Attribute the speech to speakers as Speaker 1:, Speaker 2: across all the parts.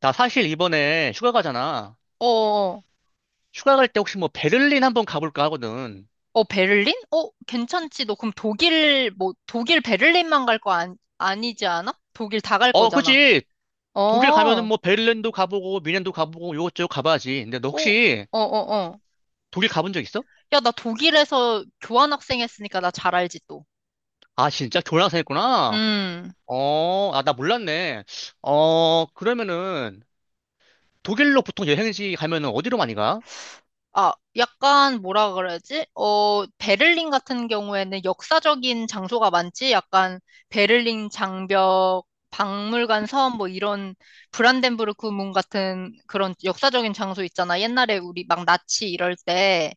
Speaker 1: 나 사실 이번에 휴가 가잖아.
Speaker 2: 어,
Speaker 1: 휴가 갈 때 혹시 뭐 베를린 한번 가볼까 하거든.
Speaker 2: 어, 베를린? 어, 괜찮지. 너 그럼 독일, 뭐, 독일 베를린만 갈 거 아니, 아니지 않아? 독일 다 갈
Speaker 1: 어,
Speaker 2: 거잖아.
Speaker 1: 그치.
Speaker 2: 어,
Speaker 1: 독일 가면은
Speaker 2: 어,
Speaker 1: 뭐 베를린도 가보고 미넨도 가보고 요것저것 가봐야지. 근데 너
Speaker 2: 어,
Speaker 1: 혹시
Speaker 2: 어, 어.
Speaker 1: 독일 가본 적 있어?
Speaker 2: 야, 나 독일에서 교환학생 했으니까 나 잘 알지, 또.
Speaker 1: 아, 진짜 교환학생했구나.
Speaker 2: 음.
Speaker 1: 어, 아, 나 몰랐네. 어, 그러면은 독일로 보통 여행지 가면은 어디로 많이 가?
Speaker 2: 아, 약간 뭐라 그러지? 어, 베를린 같은 경우에는 역사적인 장소가 많지? 약간 베를린 장벽, 박물관 섬, 뭐 이런 브란덴부르크 문 같은 그런 역사적인 장소 있잖아. 옛날에 우리 막 나치 이럴 때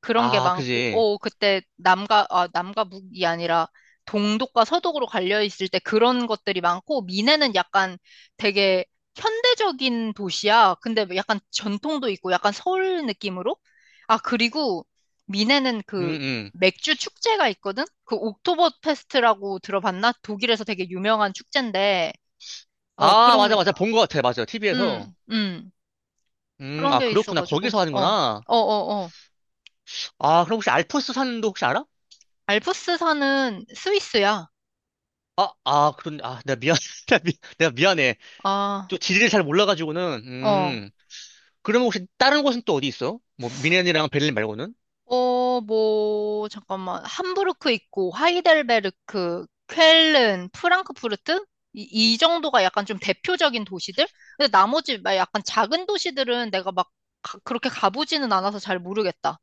Speaker 2: 그런 게
Speaker 1: 아,
Speaker 2: 많고,
Speaker 1: 그지.
Speaker 2: 어, 그때 남과 북이 아니라 동독과 서독으로 갈려 있을 때 그런 것들이 많고, 미네는 약간 되게 현대적인 도시야. 근데 뭐 약간 전통도 있고 약간 서울 느낌으로? 아, 그리고 미네는
Speaker 1: 음,
Speaker 2: 그
Speaker 1: 음.
Speaker 2: 맥주 축제가 있거든? 그 옥토버 페스트라고 들어봤나? 독일에서 되게 유명한 축제인데, 어,
Speaker 1: 아,
Speaker 2: 그런
Speaker 1: 맞아,
Speaker 2: 게,
Speaker 1: 맞아. 본 것 같아. 맞아. TV에서.
Speaker 2: 음, 음, 그런
Speaker 1: 아,
Speaker 2: 게
Speaker 1: 그렇구나.
Speaker 2: 있어가지고,
Speaker 1: 거기서
Speaker 2: 어, 어,
Speaker 1: 하는구나.
Speaker 2: 어, 어.
Speaker 1: 아, 그럼 혹시 알프스 산도 혹시 알아?
Speaker 2: 알프스산은 스위스야.
Speaker 1: 아, 아, 그런, 아, 내가 미안, 내가 미- 내가 미안해.
Speaker 2: 아,
Speaker 1: 또 지리를 잘 몰라가지고는,
Speaker 2: 어.
Speaker 1: 그러면 혹시 다른 곳은 또 어디 있어? 뭐, 미넨이랑 베를린 말고는?
Speaker 2: 어, 뭐, 잠깐만. 함부르크 있고, 하이델베르크, 쾰른, 프랑크푸르트? 이, 이 정도가 약간 좀 대표적인 도시들? 근데 나머지 막 약간 작은 도시들은 내가 막 그렇게 가보지는 않아서 잘 모르겠다.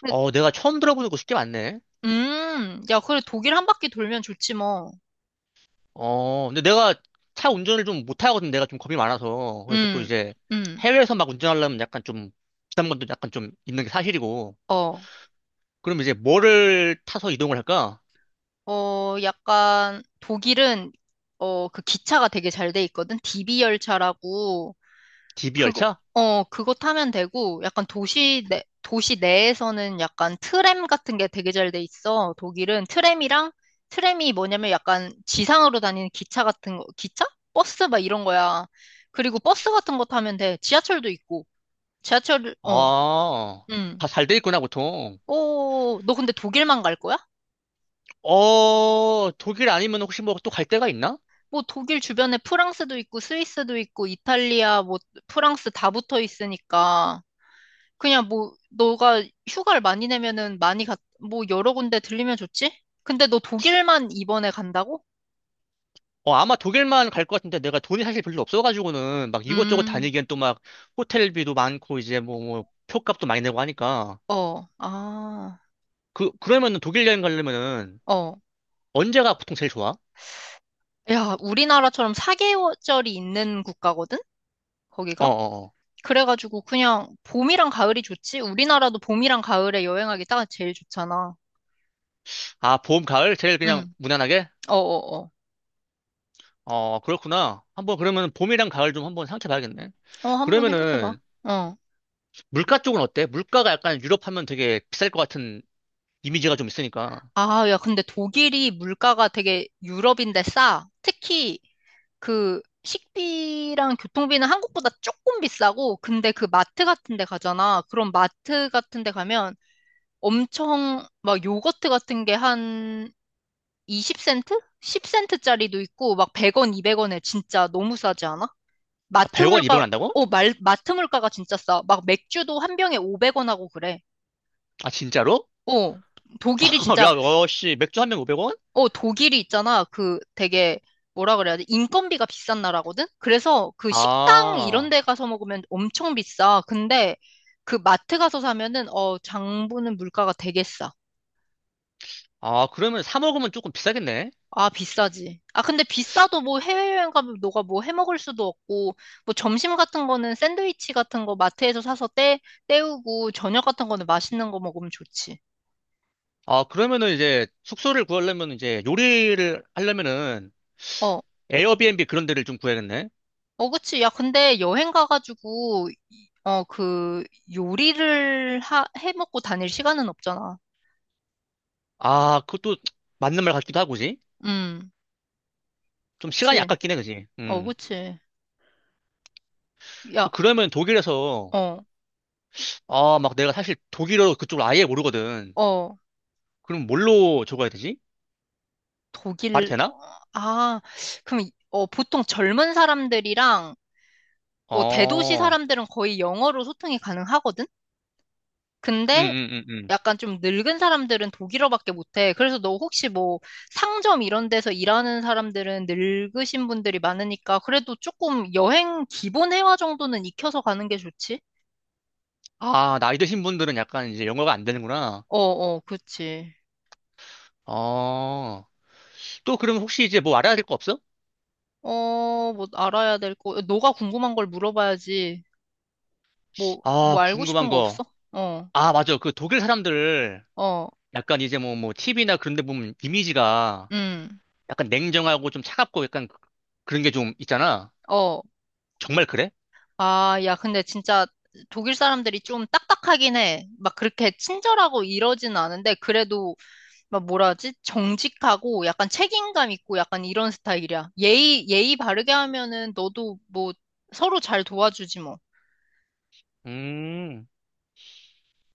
Speaker 2: 근데,
Speaker 1: 어, 내가 처음 들어보는 곳이 꽤 많네.
Speaker 2: 야, 그래, 독일 한 바퀴 돌면 좋지 뭐.
Speaker 1: 어, 근데 내가 차 운전을 좀 못하거든. 내가 좀 겁이 많아서. 그래서 또
Speaker 2: 음,
Speaker 1: 이제
Speaker 2: 음,
Speaker 1: 해외에서 막 운전하려면 약간 좀 부담감도 약간 좀 있는 게 사실이고.
Speaker 2: 어,
Speaker 1: 그럼 이제 뭐를 타서 이동을 할까?
Speaker 2: 어, 약간 독일은 어, 그 기차가 되게 잘 돼 있거든. DB 열차라고.
Speaker 1: DB
Speaker 2: 그거,
Speaker 1: 열차?
Speaker 2: 어, 그거 타면 되고, 약간 도시 내에서는 약간 트램 같은 게 되게 잘 돼 있어. 독일은 트램이랑, 트램이 뭐냐면 약간 지상으로 다니는 기차 같은 거, 기차? 버스 막 이런 거야. 그리고 버스 같은 거 타면 돼. 지하철도 있고. 지하철, 어,
Speaker 1: 아,
Speaker 2: 음.
Speaker 1: 다 잘 돼 있구나, 보통.
Speaker 2: 오, 너 근데 독일만 갈 거야?
Speaker 1: 어, 독일 아니면 혹시 뭐 또 갈 데가 있나?
Speaker 2: 뭐 독일 주변에 프랑스도 있고, 스위스도 있고, 이탈리아, 뭐 프랑스 다 붙어 있으니까. 그냥 뭐, 너가 휴가를 많이 내면은 많이 뭐, 여러 군데 들리면 좋지? 근데 너 독일만 이번에 간다고?
Speaker 1: 어, 아마 독일만 갈 것 같은데 내가 돈이 사실 별로 없어가지고는 막 이곳저곳
Speaker 2: 음,
Speaker 1: 다니기엔 또 막 호텔비도 많고 이제 뭐 표값도 많이 내고 하니까
Speaker 2: 어, 아,
Speaker 1: 그러면은 독일 여행 가려면은
Speaker 2: 어.
Speaker 1: 언제가 보통 제일 좋아?
Speaker 2: 야, 우리나라처럼 4계절이 있는 국가거든?
Speaker 1: 어,
Speaker 2: 거기가?
Speaker 1: 어, 어.
Speaker 2: 그래가지고 그냥 봄이랑 가을이 좋지? 우리나라도 봄이랑 가을에 여행하기 딱 제일 좋잖아.
Speaker 1: 아, 봄, 가을 제일 그냥
Speaker 2: 응,
Speaker 1: 무난하게?
Speaker 2: 어어어. 어,
Speaker 1: 어, 그렇구나. 한번 그러면 봄이랑 가을 좀 한번 생각해 봐야겠네.
Speaker 2: 어. 어, 한번 생각해봐.
Speaker 1: 그러면은
Speaker 2: 어.
Speaker 1: 물가 쪽은 어때? 물가가 약간 유럽 하면 되게 비쌀 것 같은 이미지가 좀 있으니까.
Speaker 2: 아, 야, 근데 독일이 물가가 되게 유럽인데 싸. 특히 그 식비랑 교통비는 한국보다 조금 비싸고, 근데 그 마트 같은 데 가잖아. 그럼 마트 같은 데 가면 엄청 막 요거트 같은 게 한 20센트? 10센트짜리도 있고, 막 100원, 200원에 진짜 너무 싸지 않아?
Speaker 1: 아,
Speaker 2: 마트
Speaker 1: 100원,
Speaker 2: 물가,
Speaker 1: 200원 한다고?
Speaker 2: 어, 마트 물가가 진짜 싸. 막 맥주도 한 병에 500원 하고 그래.
Speaker 1: 아, 진짜로?
Speaker 2: 어, 독일이 진짜
Speaker 1: 야, 어, 씨, 맥주 한 병 500원?
Speaker 2: 어, 독일이 있잖아. 그 되게 뭐라 그래야 돼? 인건비가 비싼 나라거든? 그래서 그 식당
Speaker 1: 아.
Speaker 2: 이런 데 가서 먹으면 엄청 비싸. 근데 그 마트 가서 사면은 어, 장보는 물가가 되게 싸.
Speaker 1: 아, 그러면 사 먹으면 조금 비싸겠네?
Speaker 2: 아, 비싸지. 아, 근데 비싸도 뭐 해외여행 가면 너가 뭐 해 먹을 수도 없고, 뭐 점심 같은 거는 샌드위치 같은 거 마트에서 사서 때우고, 저녁 같은 거는 맛있는 거 먹으면 좋지.
Speaker 1: 아, 그러면은 이제 숙소를 구하려면 이제 요리를 하려면은
Speaker 2: 어.
Speaker 1: 에어비앤비 그런 데를 좀 구해야겠네?
Speaker 2: 어, 그치. 야, 근데 여행 가가지고, 요리를 해 먹고 다닐 시간은 없잖아.
Speaker 1: 아, 그것도 맞는 말 같기도 하고지?
Speaker 2: 음,
Speaker 1: 좀 시간이
Speaker 2: 그치.
Speaker 1: 아깝긴 해, 그지?
Speaker 2: 어,
Speaker 1: 음.
Speaker 2: 그치. 야,
Speaker 1: 그러면 독일에서,
Speaker 2: 어,
Speaker 1: 아, 막 내가 사실 독일어 그쪽을 아예 모르거든.
Speaker 2: 어,
Speaker 1: 그럼 뭘로 적어야 되지? 말이
Speaker 2: 독일,
Speaker 1: 되나?
Speaker 2: 어, 아, 그럼, 보통 젊은 사람들이랑, 뭐, 대도시
Speaker 1: 어,
Speaker 2: 사람들은 거의 영어로 소통이 가능하거든?
Speaker 1: 음,
Speaker 2: 근데,
Speaker 1: 음, 음, 음.
Speaker 2: 약간 좀 늙은 사람들은 독일어밖에 못해. 그래서 너 혹시 뭐 상점 이런 데서 일하는 사람들은 늙으신 분들이 많으니까 그래도 조금 여행 기본 회화 정도는 익혀서 가는 게 좋지?
Speaker 1: 아, 나이 드신 분들은 약간 이제 영어가 안 되는구나.
Speaker 2: 어, 어, 그치.
Speaker 1: 어, 또 그럼 혹시 이제 뭐 알아야 될 거 없어?
Speaker 2: 어, 뭐 알아야 될 거. 너가 궁금한 걸 물어봐야지. 뭐,
Speaker 1: 아,
Speaker 2: 뭐 알고
Speaker 1: 궁금한
Speaker 2: 싶은 거
Speaker 1: 거.
Speaker 2: 없어? 어,
Speaker 1: 아, 맞아. 그 독일 사람들
Speaker 2: 어,
Speaker 1: 약간 이제 뭐, TV나 그런 데 보면 이미지가
Speaker 2: 음,
Speaker 1: 약간 냉정하고 좀 차갑고 약간 그- 그런 게 좀 있잖아.
Speaker 2: 어.
Speaker 1: 정말 그래?
Speaker 2: 아, 야, 근데 진짜 독일 사람들이 좀 딱딱하긴 해. 막 그렇게 친절하고 이러진 않은데 그래도 막 뭐라 하지? 정직하고 약간 책임감 있고 약간 이런 스타일이야. 예의 바르게 하면은 너도 뭐 서로 잘 도와주지 뭐.
Speaker 1: 음.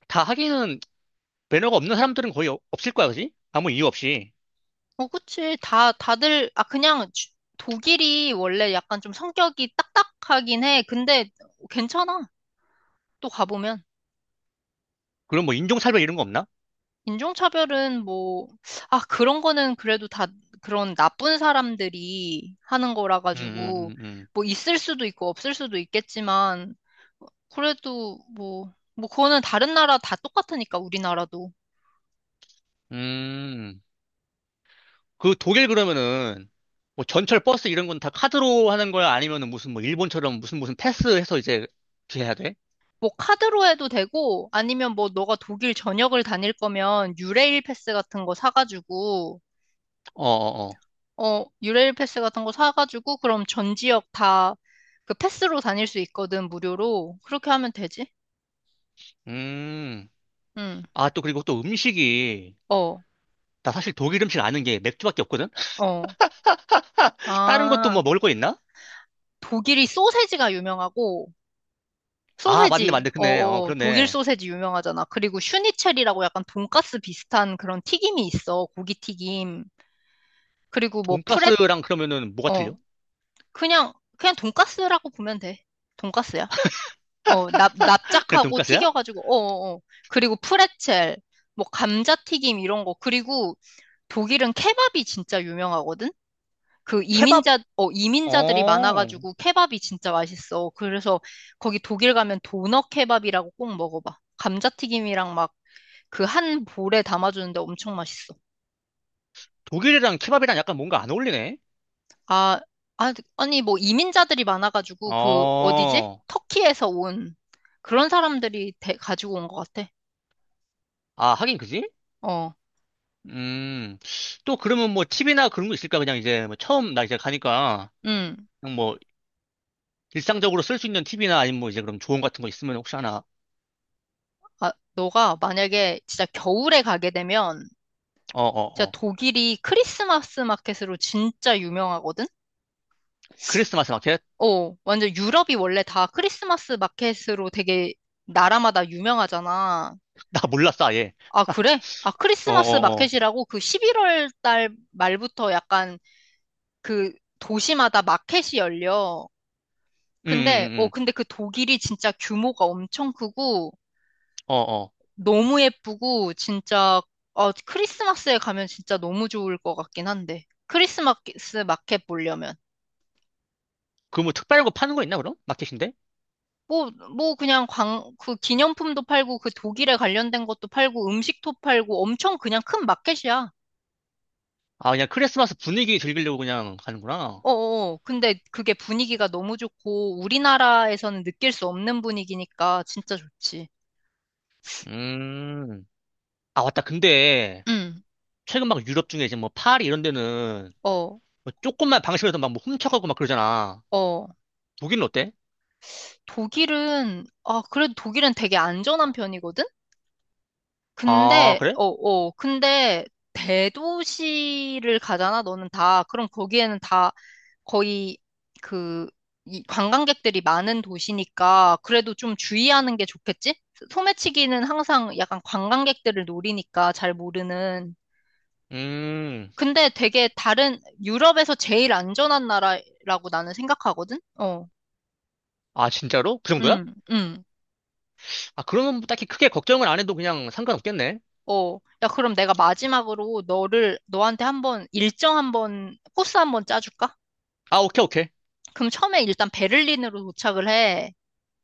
Speaker 1: 다 하기는 매너가 없는 사람들은 거의 어- 없을 거야, 그지? 아무 이유 없이.
Speaker 2: 어, 그치. 다들, 아, 그냥 독일이 원래 약간 좀 성격이 딱딱하긴 해. 근데 괜찮아. 또 가보면.
Speaker 1: 그럼 뭐 인종차별 이런 거 없나?
Speaker 2: 인종차별은 뭐, 아, 그런 거는 그래도 다 그런 나쁜 사람들이 하는 거라
Speaker 1: 음,
Speaker 2: 가지고,
Speaker 1: 음, 음,
Speaker 2: 뭐 있을 수도 있고 없을 수도 있겠지만, 그래도 뭐, 뭐 그거는 다른 나라 다 똑같으니까, 우리나라도.
Speaker 1: 음. 그 독일 그러면은 뭐 전철 버스 이런 건 다 카드로 하는 거야? 아니면은 무슨 뭐 일본처럼 무슨 패스해서 이제 이렇게 해야 돼?
Speaker 2: 뭐 카드로 해도 되고, 아니면 뭐 너가 독일 전역을 다닐 거면 유레일 패스 같은 거 사가지고,
Speaker 1: 어어어.
Speaker 2: 어, 유레일 패스 같은 거 사가지고, 그럼 전 지역 다 그 패스로 다닐 수 있거든, 무료로. 그렇게 하면 되지?
Speaker 1: 음.
Speaker 2: 응.
Speaker 1: 아, 또 그리고 또 음식이
Speaker 2: 어.
Speaker 1: 나 사실 독일 음식 아는 게 맥주밖에 없거든?
Speaker 2: 어.
Speaker 1: 다른 것도
Speaker 2: 아,
Speaker 1: 뭐 먹을 거 있나?
Speaker 2: 독일이 소세지가 유명하고,
Speaker 1: 아, 맞네,
Speaker 2: 소세지,
Speaker 1: 맞네. 그네. 어,
Speaker 2: 어어, 독일
Speaker 1: 그러네.
Speaker 2: 소세지 유명하잖아. 그리고 슈니첼이라고 약간 돈가스 비슷한 그런 튀김이 있어. 고기 튀김. 그리고 뭐 프레
Speaker 1: 돈가스랑 그러면은 뭐가
Speaker 2: 어,
Speaker 1: 틀려?
Speaker 2: 그냥, 그냥 돈가스라고 보면 돼. 돈가스야. 어, 납,
Speaker 1: 그냥
Speaker 2: 납작하고
Speaker 1: 돈가스야?
Speaker 2: 튀겨가지고, 어어어. 그리고 프레첼, 뭐 감자튀김 이런 거. 그리고 독일은 케밥이 진짜 유명하거든? 그
Speaker 1: 케밥?
Speaker 2: 이민자들이
Speaker 1: 어,
Speaker 2: 많아가지고 케밥이 진짜 맛있어. 그래서 거기 독일 가면 도너 케밥이라고 꼭 먹어봐. 감자튀김이랑 막 그 한 볼에 담아주는데 엄청 맛있어.
Speaker 1: 독일이랑 케밥이랑 약간 뭔가 안 어울리네?
Speaker 2: 아, 아, 아니 뭐 이민자들이 많아가지고 그 어디지?
Speaker 1: 어,
Speaker 2: 터키에서 온 그런 사람들이 가지고 온 것 같아.
Speaker 1: 아, 하긴 그지?
Speaker 2: 어,
Speaker 1: 음, 또 그러면 뭐 팁이나 그런 거 있을까? 그냥 이제 뭐 처음 나 이제 가니까
Speaker 2: 응.
Speaker 1: 그냥 뭐 일상적으로 쓸 수 있는 팁이나 아니면 뭐 이제 그럼 조언 같은 거 있으면 혹시 하나?
Speaker 2: 아, 너가 만약에 진짜 겨울에 가게 되면
Speaker 1: 어, 어,
Speaker 2: 진짜
Speaker 1: 어.
Speaker 2: 독일이 크리스마스 마켓으로 진짜 유명하거든?
Speaker 1: 크리스마스 마켓?
Speaker 2: 어, 완전 유럽이 원래 다 크리스마스 마켓으로 되게 나라마다 유명하잖아.
Speaker 1: 나 몰랐어, 아예.
Speaker 2: 아, 그래? 아,
Speaker 1: 어,
Speaker 2: 크리스마스
Speaker 1: 어, 어.
Speaker 2: 마켓이라고 그 11월 달 말부터 약간 그 도시마다 마켓이 열려.
Speaker 1: 음,
Speaker 2: 근데,
Speaker 1: 음, 음.
Speaker 2: 어, 근데 그 독일이 진짜 규모가 엄청 크고
Speaker 1: 어, 어.
Speaker 2: 너무 예쁘고 진짜, 어, 크리스마스에 가면 진짜 너무 좋을 것 같긴 한데. 크리스마스 마켓 보려면.
Speaker 1: 그 뭐 특별한 거 파는 거 있나 그럼? 마켓인데?
Speaker 2: 뭐, 뭐 그냥 그 기념품도 팔고 그 독일에 관련된 것도 팔고 음식도 팔고 엄청 그냥 큰 마켓이야.
Speaker 1: 아, 그냥 크리스마스 분위기 즐기려고 그냥 가는구나.
Speaker 2: 어어. 근데 그게 분위기가 너무 좋고 우리나라에서는 느낄 수 없는 분위기니까 진짜 좋지.
Speaker 1: 음. 아, 맞다. 근데
Speaker 2: 응.
Speaker 1: 최근 막 유럽 중에 이제 뭐 파리 이런 데는
Speaker 2: 어.
Speaker 1: 뭐 조금만 방심해서 막뭐 훔쳐가고 막 그러잖아.
Speaker 2: 어.
Speaker 1: 독일은 어때?
Speaker 2: 독일은 아, 그래도 독일은 되게 안전한 편이거든?
Speaker 1: 아,
Speaker 2: 근데
Speaker 1: 그래?
Speaker 2: 어, 어. 근데 대도시를 가잖아. 너는 다. 그럼 거기에는 다 거의 그, 이 관광객들이 많은 도시니까 그래도 좀 주의하는 게 좋겠지? 소매치기는 항상 약간 관광객들을 노리니까 잘 모르는.
Speaker 1: 음.
Speaker 2: 근데 되게 다른, 유럽에서 제일 안전한 나라라고 나는 생각하거든? 어,
Speaker 1: 아, 진짜로? 그 정도야?
Speaker 2: 응, 응,
Speaker 1: 아, 그러면 뭐 딱히 크게 걱정을 안 해도 그냥 상관없겠네.
Speaker 2: 어, 야, 그럼 내가 마지막으로 너한테 한번 일정 한번, 코스 한번 짜줄까?
Speaker 1: 아, 오케이, 오케이.
Speaker 2: 그럼 처음에 일단 베를린으로 도착을 해.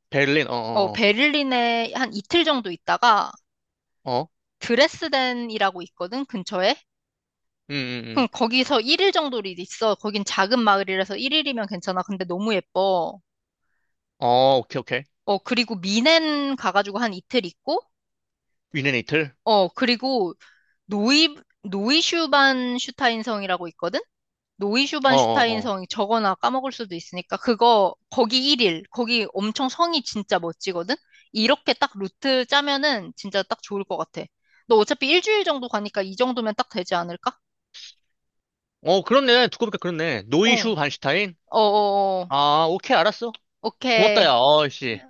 Speaker 1: 베를린.
Speaker 2: 어,
Speaker 1: 어어어.
Speaker 2: 베를린에 한 이틀 정도 있다가
Speaker 1: 어. 어, 어. 어.
Speaker 2: 드레스덴이라고 있거든, 근처에.
Speaker 1: 음.
Speaker 2: 그럼 거기서 1일 정도를 있어. 거긴 작은 마을이라서 1일이면 괜찮아. 근데 너무 예뻐.
Speaker 1: 어, 오케이, 오케이.
Speaker 2: 어, 그리고 미넨 가가지고 한 이틀 있고,
Speaker 1: 위넨 이틀.
Speaker 2: 어, 그리고 노이, 노이슈반슈타인성이라고 있거든?
Speaker 1: 어어어. 어, 어,
Speaker 2: 노이슈반슈타인성이 저거나 까먹을 수도 있으니까, 그거, 거기 1일, 거기 엄청 성이 진짜 멋지거든? 이렇게 딱 루트 짜면은 진짜 딱 좋을 것 같아. 너 어차피 일주일 정도 가니까 이 정도면 딱 되지 않을까?
Speaker 1: 어. 어, 그렇네. 두고 보니까 그렇네.
Speaker 2: 어.
Speaker 1: 노이슈 반슈타인.
Speaker 2: 어어어.
Speaker 1: 아, 오케이, 알았어. 고맙다,
Speaker 2: 오케이.
Speaker 1: 야. 어이씨.